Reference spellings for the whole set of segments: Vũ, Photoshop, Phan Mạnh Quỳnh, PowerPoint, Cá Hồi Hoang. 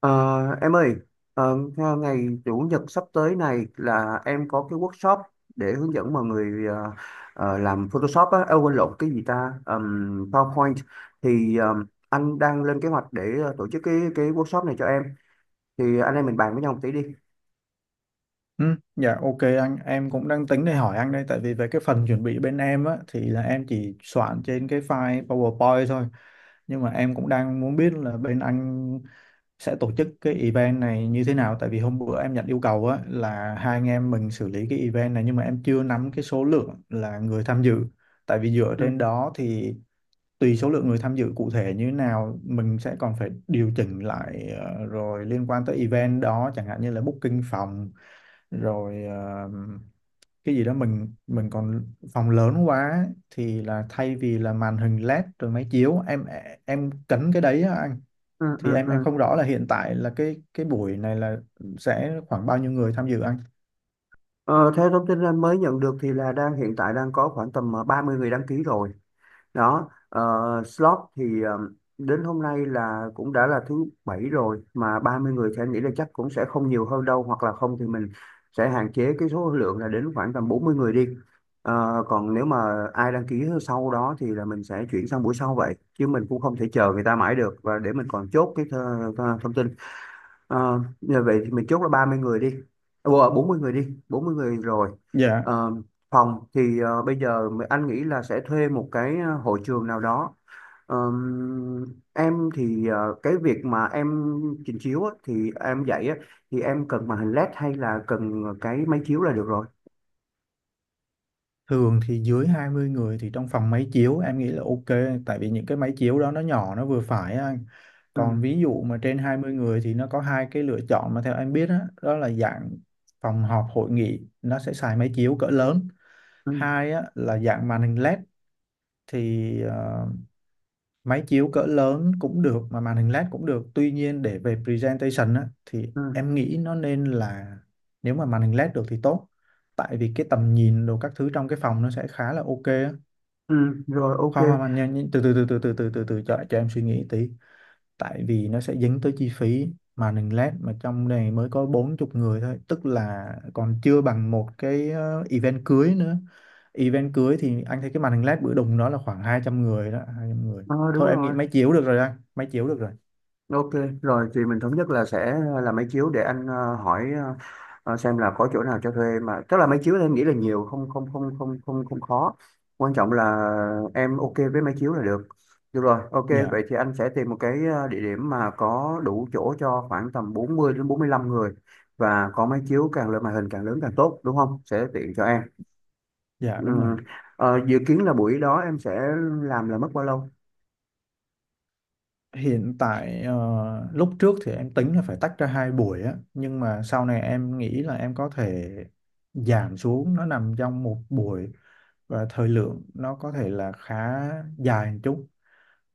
Ờ, em ơi, theo ngày Chủ nhật sắp tới này là em có cái workshop để hướng dẫn mọi người làm Photoshop á. À, quên, lộn cái gì ta? PowerPoint. Thì anh đang lên kế hoạch để tổ chức cái workshop này cho em. Thì anh em mình bàn với nhau một tí đi. Ừ. Dạ ok, anh em cũng đang tính để hỏi anh đây, tại vì về cái phần chuẩn bị bên em á thì là em chỉ soạn trên cái file PowerPoint thôi, nhưng mà em cũng đang muốn biết là bên anh sẽ tổ chức cái event này như thế nào. Tại vì hôm bữa em nhận yêu cầu á là hai anh em mình xử lý cái event này, nhưng mà em chưa nắm cái số lượng là người tham dự. Tại vì dựa Ừ, trên đó thì tùy số lượng người tham dự cụ thể như thế nào, mình sẽ còn phải điều chỉnh lại, rồi liên quan tới event đó chẳng hạn như là booking phòng rồi, cái gì đó mình còn phòng lớn quá thì là thay vì là màn hình LED rồi máy chiếu em cấn cái đấy á anh. ừ, Thì ừ, em ừ. không rõ là hiện tại là cái buổi này là sẽ khoảng bao nhiêu người tham dự anh? Ờ, theo thông tin anh mới nhận được thì là hiện tại đang có khoảng tầm 30 người đăng ký rồi. Đó, slot thì, đến hôm nay là cũng đã là thứ Bảy rồi, mà 30 người thì anh nghĩ là chắc cũng sẽ không nhiều hơn đâu, hoặc là không thì mình sẽ hạn chế cái số lượng là đến khoảng tầm 40 người đi. Còn nếu mà ai đăng ký sau đó thì là mình sẽ chuyển sang buổi sau, vậy chứ mình cũng không thể chờ người ta mãi được, và để mình còn chốt cái th th thông tin. Như vậy thì mình chốt là 30 người đi. À, quên, 40 người đi, 40 người rồi. Dạ. Ờ, phòng thì, bây giờ mà anh nghĩ là sẽ thuê một cái, hội trường nào đó. Ờm, em thì, cái việc mà em trình chiếu á, thì em dạy á, thì em cần màn hình LED hay là cần cái máy chiếu là được rồi. Thường thì dưới 20 người thì trong phòng máy chiếu em nghĩ là ok, tại vì những cái máy chiếu đó nó nhỏ, nó vừa phải á anh. Ừ, Còn ví dụ mà trên 20 người thì nó có hai cái lựa chọn mà theo em biết đó, đó là dạng phòng họp hội nghị nó sẽ xài máy chiếu cỡ lớn. ừ, Hai á, là dạng màn hình LED thì máy chiếu cỡ lớn cũng được mà màn hình LED cũng được, tuy nhiên để về presentation á, thì ừ, em nghĩ nó nên là nếu mà màn hình LED được thì tốt, tại vì cái tầm nhìn đồ các thứ trong cái phòng nó sẽ khá là ok á. ừ, rồi, ok. Khoan khoan khoan, nhanh nhanh, từ từ cho em suy nghĩ tí, tại vì nó sẽ dính tới chi phí mà mình lát, mà trong này mới có 40 người thôi, tức là còn chưa bằng một cái event cưới nữa. Event cưới thì anh thấy cái màn hình LED bữa đùng đó là khoảng 200 người đó, 200 người. Ờ, đúng Thôi em nghĩ rồi. máy chiếu được rồi anh, máy chiếu được rồi. Ok, rồi thì mình thống nhất là sẽ là máy chiếu, để anh hỏi, xem là có chỗ nào cho thuê. Mà tức là máy chiếu thì em nghĩ là nhiều, không không không không không không khó. Quan trọng là em ok với máy chiếu là được. Được rồi, ok, Dạ. vậy thì anh sẽ tìm một cái, địa điểm mà có đủ chỗ cho khoảng tầm 40 đến 45 người, và có máy chiếu càng lớn, màn hình càng lớn càng tốt, đúng không? Sẽ tiện cho em. Dạ Ừ. đúng rồi. Dự kiến là buổi đó em sẽ làm là mất bao lâu? Hiện tại, lúc trước thì em tính là phải tách ra hai buổi á, nhưng mà sau này em nghĩ là em có thể giảm xuống nó nằm trong một buổi, và thời lượng nó có thể là khá dài một chút.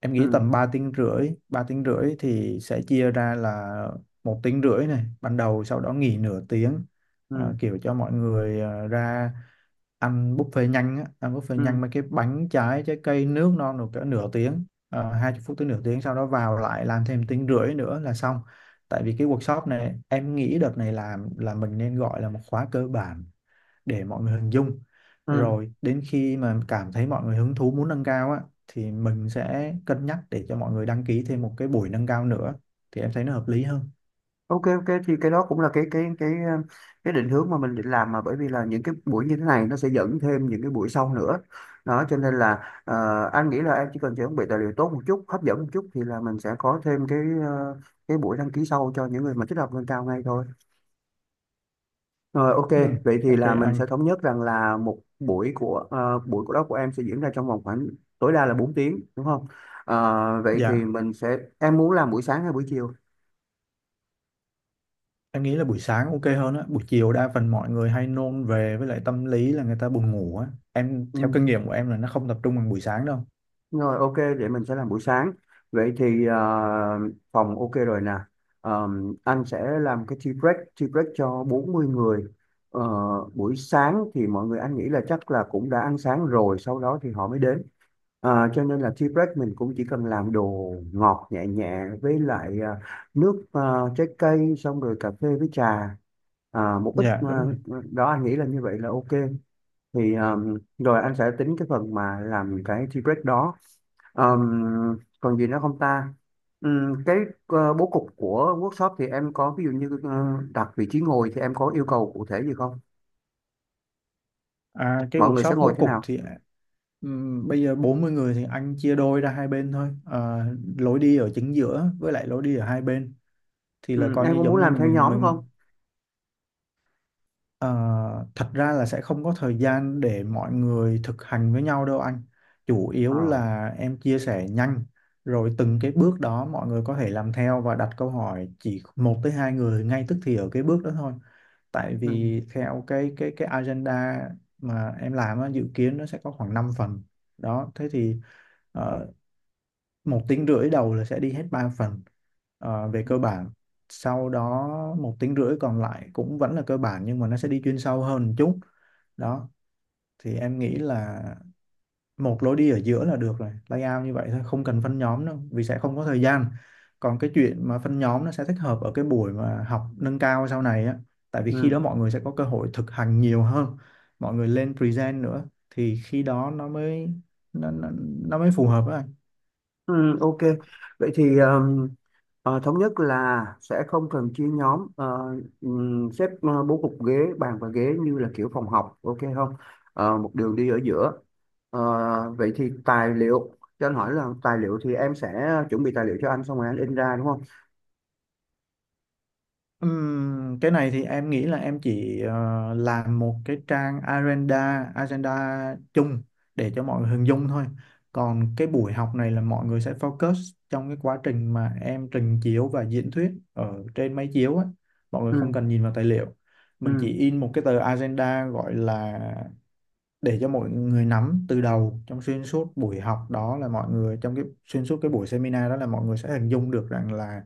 Em nghĩ Ừ. tầm 3 tiếng rưỡi, 3 tiếng rưỡi thì sẽ chia ra là một tiếng rưỡi này ban đầu, sau đó nghỉ nửa tiếng. Ừ. Kiểu cho mọi người ra ăn buffet nhanh á, ăn buffet Ừ. nhanh mấy cái bánh trái, trái cây nước non, được cỡ nửa tiếng. 20 phút tới nửa tiếng, sau đó vào lại làm thêm tiếng rưỡi nữa là xong. Tại vì cái workshop này em nghĩ đợt này làm là mình nên gọi là một khóa cơ bản để mọi người hình dung, Ừ. rồi đến khi mà cảm thấy mọi người hứng thú muốn nâng cao á thì mình sẽ cân nhắc để cho mọi người đăng ký thêm một cái buổi nâng cao nữa, thì em thấy nó hợp lý hơn. Ok, ok, thì cái đó cũng là cái định hướng mà mình định làm. Mà bởi vì là những cái buổi như thế này nó sẽ dẫn thêm những cái buổi sau nữa đó, cho nên là, anh nghĩ là em chỉ cần chuẩn bị tài liệu tốt một chút, hấp dẫn một chút, thì là mình sẽ có thêm ờ, cái buổi đăng ký sau cho những người mà thích học nâng cao ngay thôi. Rồi, ok, Ừ, vậy thì ok là mình anh. sẽ thống nhất rằng là một buổi của đó của em sẽ diễn ra trong vòng khoảng tối đa là 4 tiếng, đúng không? Vậy thì Dạ, mình sẽ em muốn làm buổi sáng hay buổi chiều? em nghĩ là buổi sáng ok hơn á. Buổi chiều đa phần mọi người hay nôn về, với lại tâm lý là người ta buồn ngủ á. Em Ừ. theo kinh nghiệm của em là nó không tập trung bằng buổi sáng đâu. Rồi, ok, vậy mình sẽ làm buổi sáng. Vậy thì, phòng ok rồi nè. Ờ, anh sẽ làm cái tea break cho 40 người. Ờ, buổi sáng thì mọi người, anh nghĩ là chắc là cũng đã ăn sáng rồi, sau đó thì họ mới đến. Cho nên là tea break mình cũng chỉ cần làm đồ ngọt nhẹ nhẹ, với lại nước, trái cây, xong rồi cà phê với trà. À, Dạ đúng rồi. Đó anh nghĩ là như vậy là ok. Thì rồi anh sẽ tính cái phần mà làm cái tea break đó. Um, còn gì nữa không ta? Cái, bố cục của workshop thì em có, ví dụ như đặt vị trí ngồi, thì em có yêu cầu cụ thể gì không, À, cái mọi người sẽ workshop bố ngồi thế cục nào? thì bây giờ 40 người thì anh chia đôi ra hai bên thôi à, lối đi ở chính giữa với lại lối đi ở hai bên, thì là Ừm, coi em như có muốn giống như làm theo mình nhóm mình không? Ờ, Thật ra là sẽ không có thời gian để mọi người thực hành với nhau đâu anh. Chủ yếu Ờ, là em chia sẻ nhanh, rồi từng cái bước đó mọi người có thể làm theo và đặt câu hỏi, chỉ một tới hai người ngay tức thì ở cái bước đó thôi. Tại ừm, vì theo cái agenda mà em làm á, dự kiến nó sẽ có khoảng 5 phần đó. Thế thì ờ, một tiếng rưỡi đầu là sẽ đi hết ba phần về cơ bản. Sau đó một tiếng rưỡi còn lại cũng vẫn là cơ bản, nhưng mà nó sẽ đi chuyên sâu hơn một chút. Đó, thì em nghĩ là một lối đi ở giữa là được rồi, layout như vậy thôi, không cần phân nhóm đâu vì sẽ không có thời gian. Còn cái chuyện mà phân nhóm nó sẽ thích hợp ở cái buổi mà học nâng cao sau này á, tại vì khi đó ừm. mọi người sẽ có cơ hội thực hành nhiều hơn, mọi người lên present nữa thì khi đó nó nó, nó mới phù hợp á anh. Ừ, ok. Vậy thì, thống nhất là sẽ không cần chia nhóm, xếp, bố cục ghế, bàn và ghế như là kiểu phòng học, ok không? Một đường đi ở giữa. Ờ, vậy thì tài liệu, cho anh hỏi là tài liệu thì em sẽ chuẩn bị tài liệu cho anh xong rồi anh in ra, đúng không? Cái này thì em nghĩ là em chỉ làm một cái trang agenda agenda chung để cho mọi người hình dung thôi. Còn cái buổi học này là mọi người sẽ focus trong cái quá trình mà em trình chiếu và diễn thuyết ở trên máy chiếu á. Mọi người Ừ, không cần nhìn vào tài liệu. Mình chỉ ừ, in một cái tờ agenda, gọi là để cho mọi người nắm từ đầu trong xuyên suốt buổi học, đó là mọi người trong cái xuyên suốt cái buổi seminar đó là mọi người sẽ hình dung được rằng là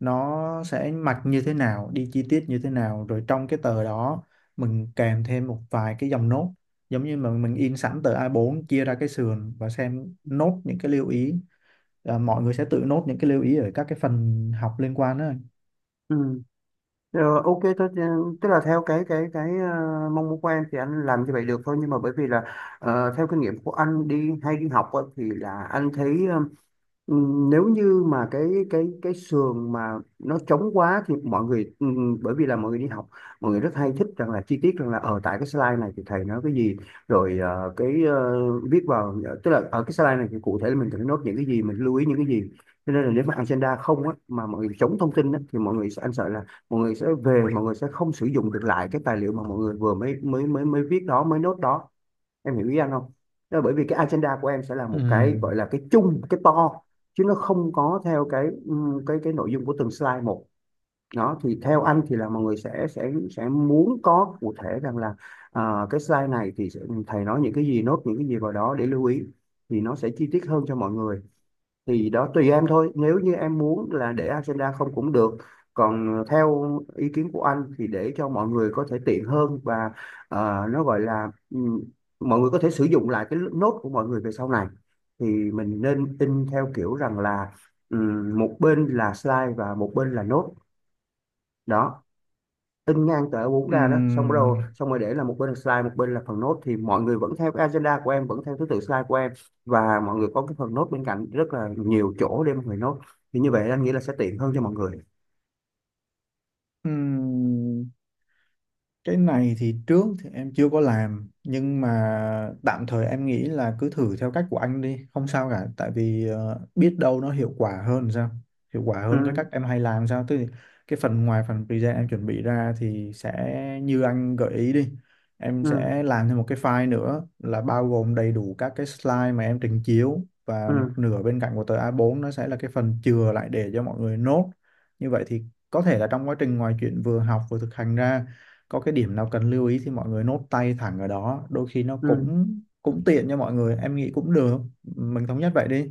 nó sẽ mặc như thế nào, đi chi tiết như thế nào, rồi trong cái tờ đó mình kèm thêm một vài cái dòng nốt, giống như mà mình in sẵn tờ A4 chia ra cái sườn và xem nốt những cái lưu ý, à, mọi người sẽ tự nốt những cái lưu ý ở các cái phần học liên quan đó. ừ. Ok thôi, tức là theo mong muốn của em thì anh làm như vậy được thôi, nhưng mà bởi vì là, theo kinh nghiệm của anh đi hay đi học á, thì là anh thấy, Ừ, nếu như mà cái sườn mà nó trống quá thì mọi người, bởi vì là mọi người đi học, mọi người rất hay thích rằng là chi tiết, rằng là ở tại cái slide này thì thầy nói cái gì, rồi viết vào, tức là ở cái slide này thì cụ thể là mình cần nốt những cái gì, mình lưu ý những cái gì, cho nên là nếu mà agenda không á, mà mọi người chống thông tin á, thì mọi người sẽ, anh sợ là mọi người sẽ về, mọi người sẽ không sử dụng được lại cái tài liệu mà mọi người vừa mới mới mới mới viết đó, mới nốt đó, em hiểu ý anh không? Đó là bởi vì cái agenda của em sẽ là Ừ. một cái gọi là cái chung, cái to, chứ nó không có theo cái nội dung của từng slide một đó. Thì theo anh thì là mọi người sẽ muốn có cụ thể, rằng là à, cái slide này thì thầy nói những cái gì, nốt những cái gì vào đó để lưu ý, thì nó sẽ chi tiết hơn cho mọi người. Thì đó, tùy em thôi. Nếu như em muốn là để agenda không cũng được, còn theo ý kiến của anh thì để cho mọi người có thể tiện hơn, và, nó gọi là, mọi người có thể sử dụng lại cái nốt của mọi người về sau này, thì mình nên in theo kiểu rằng là, một bên là slide và một bên là nốt. Đó, in ngang tờ A4 Ừ. ra đó, xong rồi để là một bên là slide, một bên là phần nốt, thì mọi người vẫn theo cái agenda của em, vẫn theo thứ tự slide của em, và mọi người có cái phần nốt bên cạnh rất là nhiều chỗ để mọi người nốt. Thì như vậy anh nghĩ là sẽ tiện hơn cho mọi người. Ừ. Cái này thì trước thì em chưa có làm, nhưng mà tạm thời em nghĩ là cứ thử theo cách của anh đi, không sao cả. Tại vì biết đâu nó hiệu quả hơn sao, hiệu quả Ừ, hơn cái cách em hay làm sao, tức là cái phần ngoài phần present em chuẩn bị ra thì sẽ như anh gợi ý đi. Em ừ, sẽ làm thêm một cái file nữa là bao gồm đầy đủ các cái slide mà em trình chiếu, ừ, và một nửa bên cạnh của tờ A4 nó sẽ là cái phần chừa lại để cho mọi người nốt. Như vậy thì có thể là trong quá trình ngoài chuyện vừa học vừa thực hành ra, có cái điểm nào cần lưu ý thì mọi người nốt tay thẳng ở đó, đôi khi nó ừ. cũng cũng tiện cho mọi người. Em nghĩ cũng được. Mình thống nhất vậy đi.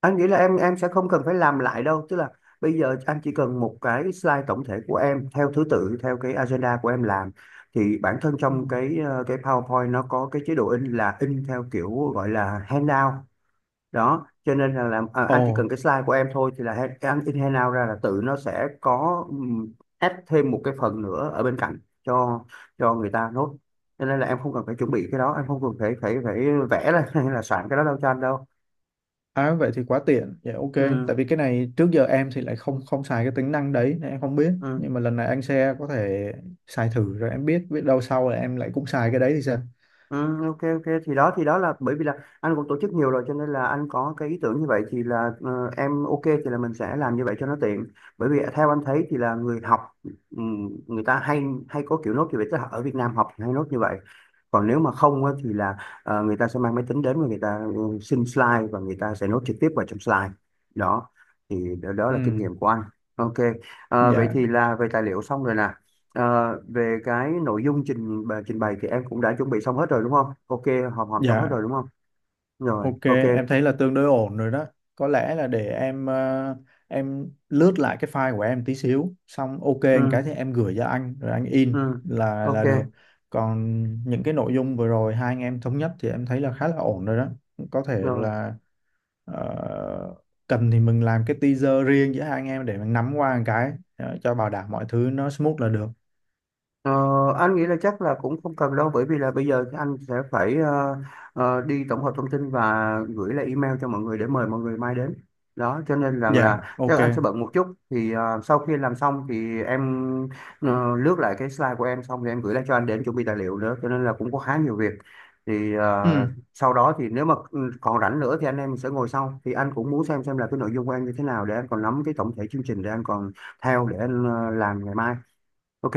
Anh nghĩ là em sẽ không cần phải làm lại đâu, tức là bây giờ anh chỉ cần một cái slide tổng thể của em theo thứ tự, theo cái agenda của em làm, thì bản thân Ừ. trong cái PowerPoint nó có cái chế độ in là in theo kiểu gọi là handout đó. Cho nên là Ồ. anh chỉ cần cái slide của em thôi, thì là cái anh in handout ra là tự nó sẽ có, add thêm một cái phần nữa ở bên cạnh cho người ta nốt. Cho nên là em không cần phải chuẩn bị cái đó, em không cần phải phải phải vẽ ra hay là soạn cái đó đâu cho anh đâu. À, vậy thì quá tiện. Dạ ok. Tại Ừ. vì cái này trước giờ em thì lại không không xài cái tính năng đấy nên em không biết, Ừ. nhưng mà lần này anh sẽ có thể xài thử rồi em biết, biết đâu sau là em lại cũng xài cái đấy thì sao. Ừ, ok, ok, thì đó, là bởi vì là anh cũng tổ chức nhiều rồi, cho nên là anh có cái ý tưởng như vậy. Thì là, em ok thì là mình sẽ làm như vậy cho nó tiện. Bởi vì theo anh thấy thì là người học, người ta hay hay có kiểu nốt như vậy, tức là ở Việt Nam học hay nốt như vậy. Còn nếu mà không á, thì là người ta sẽ mang máy tính đến, và người ta xin slide và người ta sẽ nốt trực tiếp vào trong slide đó. Thì đó, đó là kinh Ừ. nghiệm của anh. Ok. Vậy Dạ. thì là về tài liệu xong rồi nè. Ờ, về cái nội dung trình bày thì em cũng đã chuẩn bị xong hết rồi, đúng không? Ok, hòm hòm xong hết Dạ rồi đúng không? Rồi, ok, ok. em thấy là tương đối ổn rồi đó. Có lẽ là để em lướt lại cái file của em tí xíu, xong ok một cái Ừ, thì em gửi cho anh rồi anh in ừ, là ok. là được. Còn những cái nội dung vừa rồi hai anh em thống nhất thì em thấy là khá là ổn rồi đó. Có thể Rồi. là ờ, cần thì mình làm cái teaser riêng giữa hai anh em để mình nắm qua một cái, cho bảo đảm mọi thứ nó smooth là được. Ờ, anh nghĩ là chắc là cũng không cần đâu, bởi vì là bây giờ thì anh sẽ phải, đi tổng hợp thông tin và gửi lại email cho mọi người để mời mọi người mai đến đó. Cho nên rằng Dạ, là ok. chắc anh sẽ bận một chút, thì sau khi làm xong thì em, lướt lại cái slide của em xong thì em gửi lại cho anh để em chuẩn bị tài liệu nữa, cho nên là cũng có khá nhiều việc. Thì Ừ, sau đó thì nếu mà còn rảnh nữa thì anh em sẽ ngồi sau, thì anh cũng muốn xem là cái nội dung của em như thế nào, để anh còn nắm cái tổng thể chương trình, để anh còn theo, để anh làm ngày mai. Ok,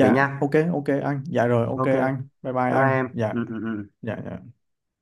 vậy nha. ok ok anh. Dạ rồi, ok Ok, anh. Bye bye bye bye anh. em. Dạ. Ừ, ừ, ừ. Dạ. Dạ.